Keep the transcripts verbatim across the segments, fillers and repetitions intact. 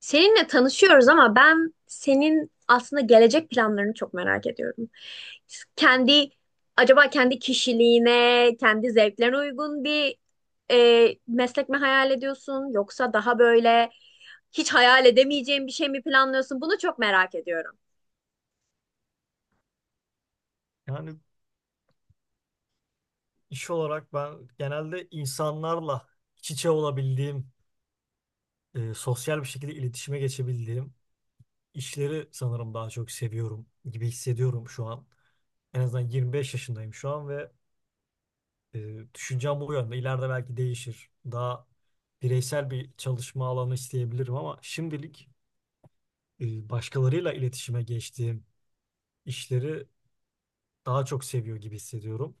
Seninle tanışıyoruz ama ben senin aslında gelecek planlarını çok merak ediyorum. Kendi, acaba kendi kişiliğine, kendi zevklerine uygun bir e, meslek mi hayal ediyorsun yoksa daha böyle hiç hayal edemeyeceğin bir şey mi planlıyorsun? Bunu çok merak ediyorum. Yani iş olarak ben genelde insanlarla iç içe olabildiğim, e, sosyal bir şekilde iletişime geçebildiğim işleri sanırım daha çok seviyorum gibi hissediyorum şu an. En azından yirmi beş yaşındayım şu an ve e, düşüncem bu yönde. İleride belki değişir. Daha bireysel bir çalışma alanı isteyebilirim ama şimdilik e, başkalarıyla iletişime geçtiğim işleri daha çok seviyor gibi hissediyorum.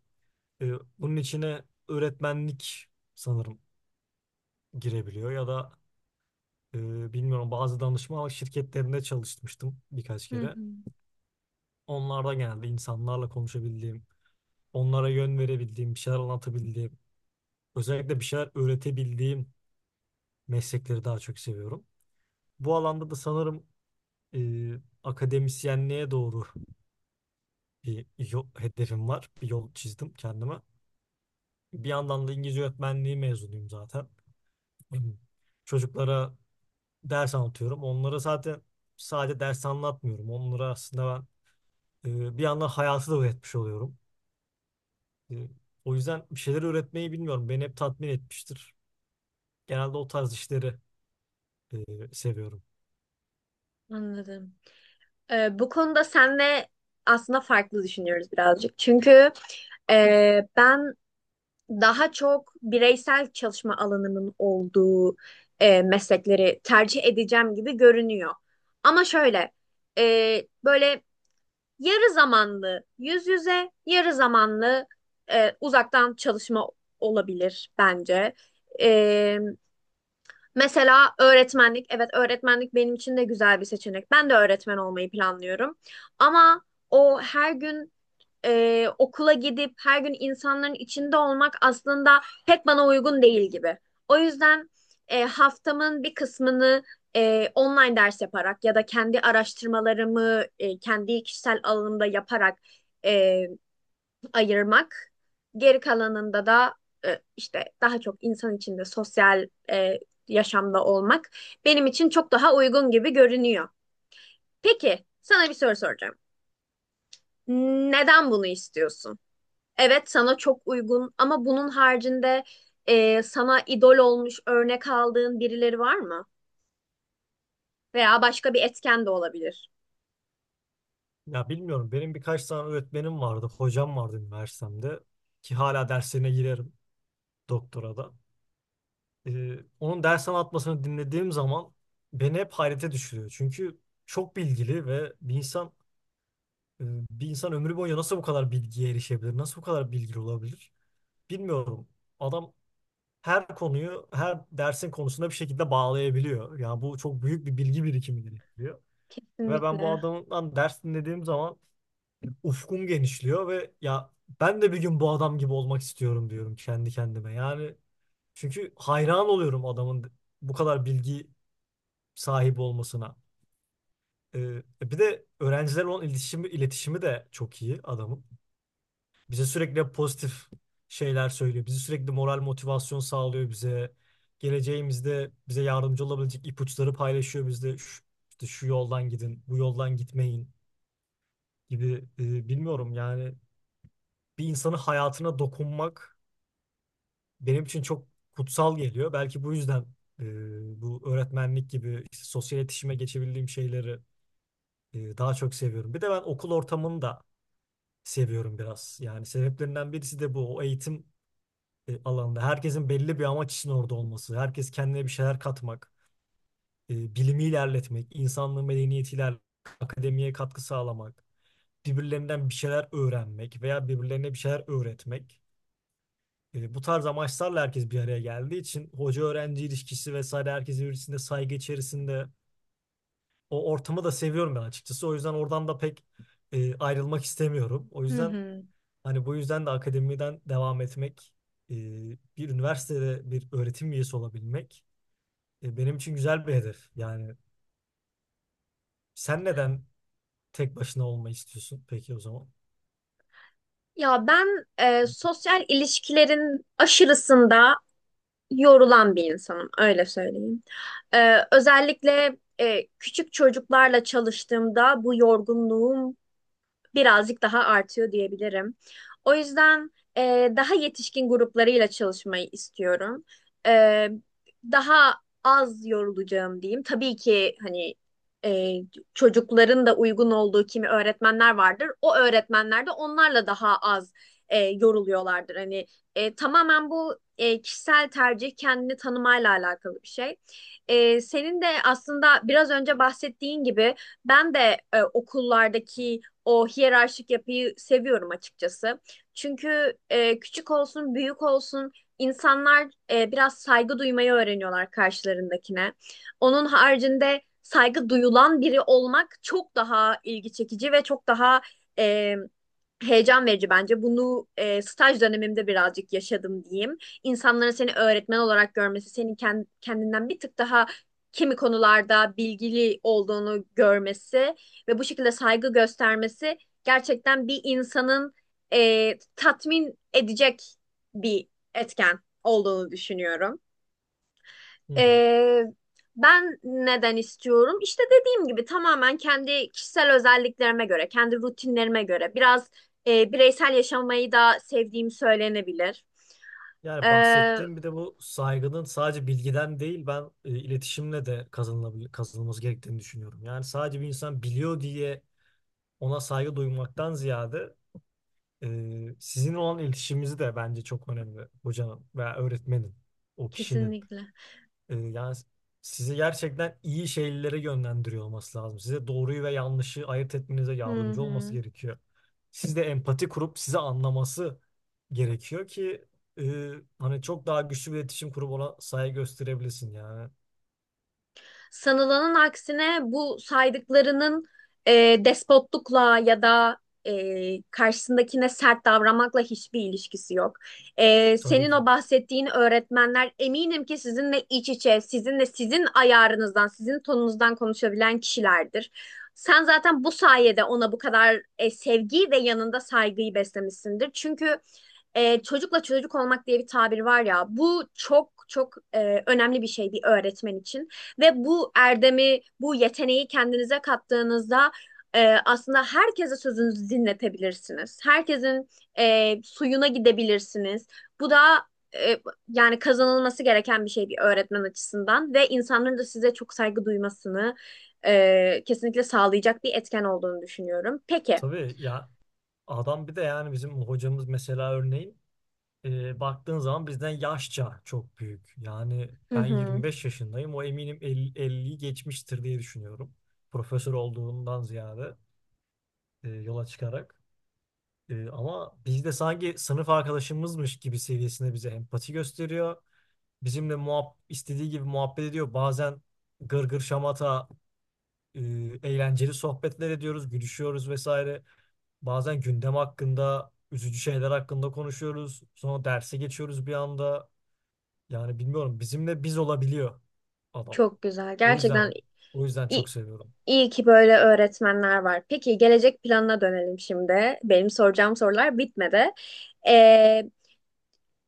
E, Bunun içine öğretmenlik sanırım girebiliyor ya da Ee, bilmiyorum, bazı danışma şirketlerinde çalışmıştım birkaç Hı kere. hı, Onlarda geldi, insanlarla konuşabildiğim, onlara yön verebildiğim, bir şeyler anlatabildiğim, özellikle bir şeyler öğretebildiğim meslekleri daha çok seviyorum. Bu alanda da sanırım e, akademisyenliğe doğru bir yol, hedefim var. Bir yol çizdim kendime. Bir yandan da İngilizce öğretmenliği mezunuyum zaten. Çocuklara ders anlatıyorum. Onlara zaten sadece ders anlatmıyorum. Onlara aslında Ee, bir yandan hayatı da üretmiş oluyorum. Ee, O yüzden bir şeyleri üretmeyi bilmiyorum. Beni hep tatmin etmiştir. Genelde o tarz işleri e, seviyorum. anladım. Ee, bu konuda senle aslında farklı düşünüyoruz birazcık. Çünkü e, ben daha çok bireysel çalışma alanının olduğu e, meslekleri tercih edeceğim gibi görünüyor. Ama şöyle, e, böyle yarı zamanlı yüz yüze, yarı zamanlı e, uzaktan çalışma olabilir bence. E, Mesela öğretmenlik, evet öğretmenlik benim için de güzel bir seçenek. Ben de öğretmen olmayı planlıyorum. Ama o her gün e, okula gidip her gün insanların içinde olmak aslında pek bana uygun değil gibi. O yüzden e, haftamın bir kısmını e, online ders yaparak ya da kendi araştırmalarımı e, kendi kişisel alanımda yaparak e, ayırmak. Geri kalanında da e, işte daha çok insan içinde sosyal, e, yaşamda olmak benim için çok daha uygun gibi görünüyor. Peki, sana bir soru soracağım. Neden bunu istiyorsun? Evet sana çok uygun ama bunun haricinde e, sana idol olmuş örnek aldığın birileri var mı? Veya başka bir etken de olabilir. Ya bilmiyorum. Benim birkaç tane öğretmenim vardı. Hocam vardı üniversitemde. Ki hala derslerine girerim, doktora da. Ee, onun ders anlatmasını dinlediğim zaman beni hep hayrete düşürüyor. Çünkü çok bilgili ve bir insan e, bir insan ömrü boyunca nasıl bu kadar bilgiye erişebilir? Nasıl bu kadar bilgili olabilir? Bilmiyorum. Adam her konuyu, her dersin konusunda bir şekilde bağlayabiliyor. Yani bu çok büyük bir bilgi birikimi gerektiriyor. Ve ben bu Kesinlikle. adamdan ders dinlediğim zaman ufkum genişliyor ve ya ben de bir gün bu adam gibi olmak istiyorum diyorum kendi kendime. Yani çünkü hayran oluyorum adamın bu kadar bilgi sahibi olmasına. Ee, bir de öğrencilerle olan iletişimi, iletişimi de çok iyi adamın. Bize sürekli pozitif şeyler söylüyor. Bizi sürekli moral, motivasyon sağlıyor bize. Geleceğimizde bize yardımcı olabilecek ipuçları paylaşıyor bizde. Şu, işte şu yoldan gidin, bu yoldan gitmeyin gibi. E, bilmiyorum, yani bir insanın hayatına dokunmak benim için çok kutsal geliyor. Belki bu yüzden e, bu öğretmenlik gibi işte sosyal iletişime geçebildiğim şeyleri e, daha çok seviyorum. Bir de ben okul ortamını da seviyorum biraz. Yani sebeplerinden birisi de bu. O eğitim e, alanda. Herkesin belli bir amaç için orada olması, herkes kendine bir şeyler katmak, e, bilimi ilerletmek, insanlığı, medeniyeti ilerletmek, akademiye katkı sağlamak, birbirlerinden bir şeyler öğrenmek veya birbirlerine bir şeyler öğretmek. E, bu tarz amaçlarla herkes bir araya geldiği için, hoca öğrenci ilişkisi vesaire, herkes birbirine saygı içerisinde, o ortamı da seviyorum ben açıkçası. O yüzden oradan da pek e, ayrılmak istemiyorum. O Hı yüzden, hı. hani bu yüzden de akademiden devam etmek, e, bir üniversitede bir öğretim üyesi olabilmek E, benim için güzel bir hedef. Yani sen neden tek başına olmayı istiyorsun peki o zaman? Ya ben, e, sosyal ilişkilerin aşırısında yorulan bir insanım, öyle söyleyeyim. E, özellikle e, küçük çocuklarla çalıştığımda bu yorgunluğum birazcık daha artıyor diyebilirim. O yüzden e, daha yetişkin gruplarıyla çalışmayı istiyorum. E, Daha az yorulacağım diyeyim. Tabii ki hani e, çocukların da uygun olduğu kimi öğretmenler vardır. O öğretmenler de onlarla daha az e, yoruluyorlardır. Hani e, tamamen bu e, kişisel tercih kendini tanımayla alakalı bir şey. E, senin de aslında biraz önce bahsettiğin gibi ben de e, okullardaki o hiyerarşik yapıyı seviyorum açıkçası. Çünkü e, küçük olsun, büyük olsun insanlar e, biraz saygı duymayı öğreniyorlar karşılarındakine. Onun haricinde saygı duyulan biri olmak çok daha ilgi çekici ve çok daha e, heyecan verici bence. Bunu e, staj dönemimde birazcık yaşadım diyeyim. İnsanların seni öğretmen olarak görmesi, senin kend- kendinden bir tık daha kimi konularda bilgili olduğunu görmesi ve bu şekilde saygı göstermesi gerçekten bir insanın e, tatmin edecek bir etken olduğunu düşünüyorum. Hı hı. E, Ben neden istiyorum? İşte dediğim gibi tamamen kendi kişisel özelliklerime göre, kendi rutinlerime göre biraz e, bireysel yaşamayı da sevdiğim söylenebilir. Yani E, bahsettiğim, bir de bu saygının sadece bilgiden değil, ben e, iletişimle de kazanılabil kazanılması gerektiğini düşünüyorum. Yani sadece bir insan biliyor diye ona saygı duymaktan ziyade e, sizin olan iletişimimizi de bence çok önemli, hocanın veya öğretmenin, o kişinin. Kesinlikle. Ee, yani sizi gerçekten iyi şeylere yönlendiriyor olması lazım. Size doğruyu ve yanlışı ayırt etmenize Hı yardımcı olması hı. gerekiyor. Siz de empati kurup sizi anlaması gerekiyor ki e, hani çok daha güçlü bir iletişim kurup ona saygı gösterebilirsin yani. Sanılanın aksine bu saydıklarının, e, despotlukla ya da e, karşısındakine sert davranmakla hiçbir ilişkisi yok. E, Tabii Senin ki. o bahsettiğin öğretmenler eminim ki sizinle iç içe, sizinle sizin ayarınızdan, sizin tonunuzdan konuşabilen kişilerdir. Sen zaten bu sayede ona bu kadar e, sevgiyi ve yanında saygıyı beslemişsindir. Çünkü e, çocukla çocuk olmak diye bir tabir var ya, bu çok çok e, önemli bir şey bir öğretmen için. Ve bu erdemi, bu yeteneği kendinize kattığınızda e, aslında herkese sözünüzü dinletebilirsiniz. Herkesin e, suyuna gidebilirsiniz. Bu da e, yani kazanılması gereken bir şey bir öğretmen açısından ve insanların da size çok saygı duymasını e, kesinlikle sağlayacak bir etken olduğunu düşünüyorum. Peki. Tabii ya, adam bir de yani bizim hocamız mesela, örneğin e, baktığın zaman bizden yaşça çok büyük. Yani Hı ben hı. yirmi beş yaşındayım. O eminim elli, elliyi geçmiştir diye düşünüyorum. Profesör olduğundan ziyade. E, yola çıkarak. E, ama biz de sanki sınıf arkadaşımızmış gibi seviyesinde bize empati gösteriyor. Bizimle muhab istediği gibi muhabbet ediyor. Bazen gırgır şamata, e, eğlenceli sohbetler ediyoruz, gülüşüyoruz vesaire. Bazen gündem hakkında, üzücü şeyler hakkında konuşuyoruz. Sonra derse geçiyoruz bir anda. Yani bilmiyorum, bizimle biz olabiliyor adam. Çok güzel. O Gerçekten yüzden o yüzden çok seviyorum. İyi ki böyle öğretmenler var. Peki gelecek planına dönelim şimdi. Benim soracağım sorular bitmedi. Ee,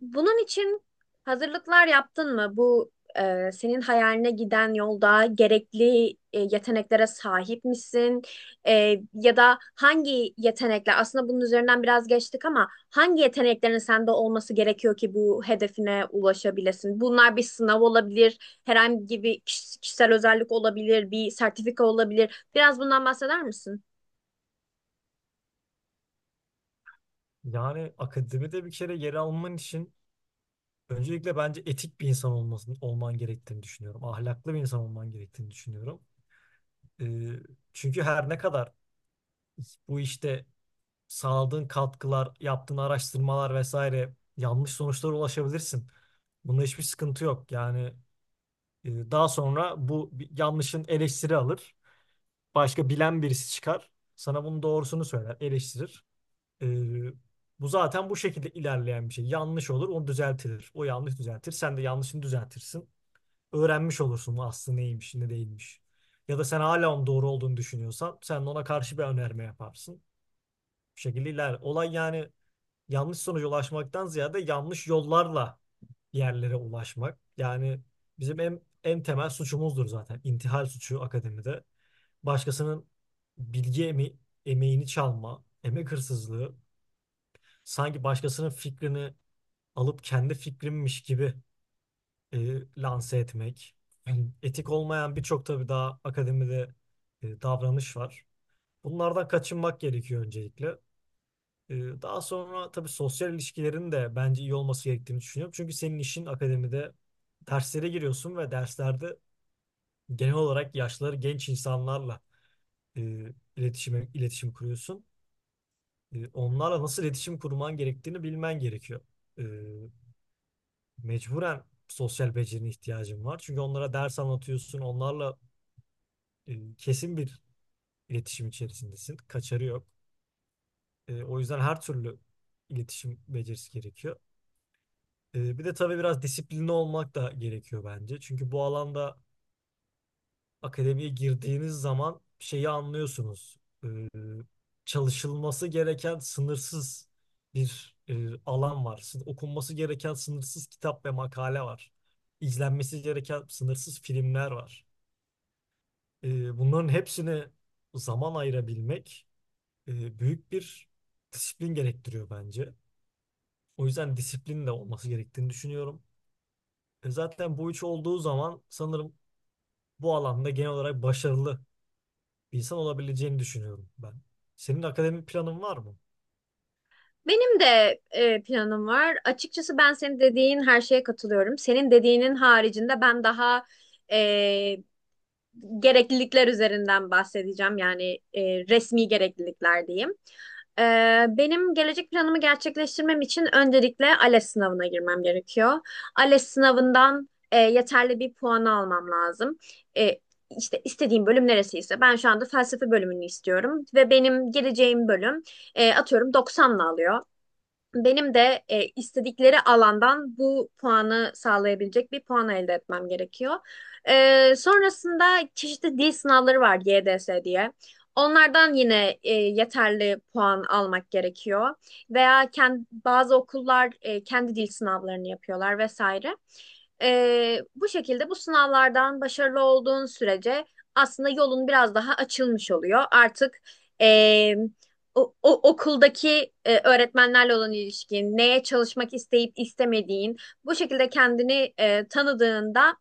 Bunun için hazırlıklar yaptın mı? Bu e, senin hayaline giden yolda gerekli e, yeteneklere sahip misin? E, Ya da hangi yetenekler, aslında bunun üzerinden biraz geçtik ama hangi yeteneklerin sende olması gerekiyor ki bu hedefine ulaşabilesin? Bunlar bir sınav olabilir, herhangi bir kiş- kişisel özellik olabilir, bir sertifika olabilir. Biraz bundan bahseder misin? Yani akademide bir kere yer alman için öncelikle bence etik bir insan olmasın, olman gerektiğini düşünüyorum. Ahlaklı bir insan olman gerektiğini düşünüyorum. Ee, Çünkü her ne kadar bu işte sağladığın katkılar, yaptığın araştırmalar vesaire, yanlış sonuçlara ulaşabilirsin. Bunda hiçbir sıkıntı yok. Yani e, daha sonra bu bi- yanlışın eleştiri alır. Başka bilen birisi çıkar. Sana bunun doğrusunu söyler, eleştirir. Ee, Bu zaten bu şekilde ilerleyen bir şey. Yanlış olur, onu düzeltilir. O yanlış düzeltir, sen de yanlışını düzeltirsin. Öğrenmiş olursun aslı neymiş, ne değilmiş. Ya da sen hala onun doğru olduğunu düşünüyorsan, sen de ona karşı bir önerme yaparsın. Bu şekilde iler. Olay yani yanlış sonuca ulaşmaktan ziyade yanlış yollarla bir yerlere ulaşmak. Yani bizim en, en temel suçumuzdur zaten. İntihal suçu akademide. Başkasının bilgi eme emeğini çalma, emek hırsızlığı, sanki başkasının fikrini alıp kendi fikrimmiş gibi e, lanse etmek. Yani etik olmayan birçok, tabii daha, akademide e, davranış var. Bunlardan kaçınmak gerekiyor öncelikle. E, Daha sonra tabii sosyal ilişkilerin de bence iyi olması gerektiğini düşünüyorum. Çünkü senin işin akademide, derslere giriyorsun ve derslerde genel olarak yaşları genç insanlarla e, iletişime, iletişim kuruyorsun. E, onlarla nasıl iletişim kurman gerektiğini bilmen gerekiyor. E, Mecburen sosyal becerine ihtiyacın var. Çünkü onlara ders anlatıyorsun, onlarla e, kesin bir iletişim içerisindesin. Kaçarı yok. E, o yüzden her türlü iletişim becerisi gerekiyor. E, bir de tabii biraz disiplinli olmak da gerekiyor bence. Çünkü bu alanda akademiye girdiğiniz zaman şeyi anlıyorsunuz. E, Çalışılması gereken sınırsız bir e, alan var. Sın- Okunması gereken sınırsız kitap ve makale var. İzlenmesi gereken sınırsız filmler var. E, bunların hepsini zaman ayırabilmek e, büyük bir disiplin gerektiriyor bence. O yüzden disiplin de olması gerektiğini düşünüyorum. E, zaten bu üç olduğu zaman sanırım bu alanda genel olarak başarılı bir insan olabileceğini düşünüyorum ben. Senin akademik planın var mı? Benim de e, planım var. Açıkçası ben senin dediğin her şeye katılıyorum. Senin dediğinin haricinde ben daha e, gereklilikler üzerinden bahsedeceğim. Yani e, resmi gereklilikler diyeyim. E, Benim gelecek planımı gerçekleştirmem için öncelikle ALES sınavına girmem gerekiyor. ALES sınavından e, yeterli bir puan almam lazım. E, işte istediğim bölüm neresiyse ben şu anda felsefe bölümünü istiyorum ve benim geleceğim bölüm, e, atıyorum doksanla alıyor. Benim de e, istedikleri alandan bu puanı sağlayabilecek bir puan elde etmem gerekiyor. E, sonrasında çeşitli dil sınavları var, Y D S diye. Onlardan yine e, yeterli puan almak gerekiyor. Veya kendi, bazı okullar e, kendi dil sınavlarını yapıyorlar vesaire. E, bu şekilde bu sınavlardan başarılı olduğun sürece aslında yolun biraz daha açılmış oluyor. Artık e, o, o- okuldaki e, öğretmenlerle olan ilişkin, neye çalışmak isteyip istemediğin, bu şekilde kendini e, tanıdığında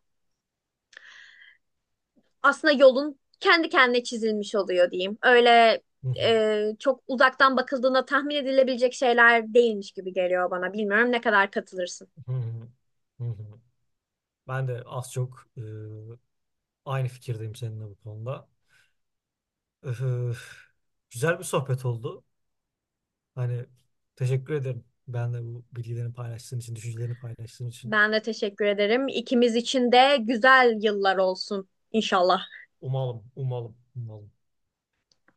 aslında yolun kendi kendine çizilmiş oluyor diyeyim. Öyle Hı hı, e, çok uzaktan bakıldığında tahmin edilebilecek şeyler değilmiş gibi geliyor bana. Bilmiyorum ne kadar katılırsın. hı hı, hı hı. Ben de az çok e, aynı fikirdeyim seninle bu konuda. Öf, güzel bir sohbet oldu. Hani teşekkür ederim. Ben de bu bilgilerini paylaştığın için, düşüncelerini paylaştığın için. Ben de teşekkür ederim. İkimiz için de güzel yıllar olsun inşallah. Umalım, umalım, umalım.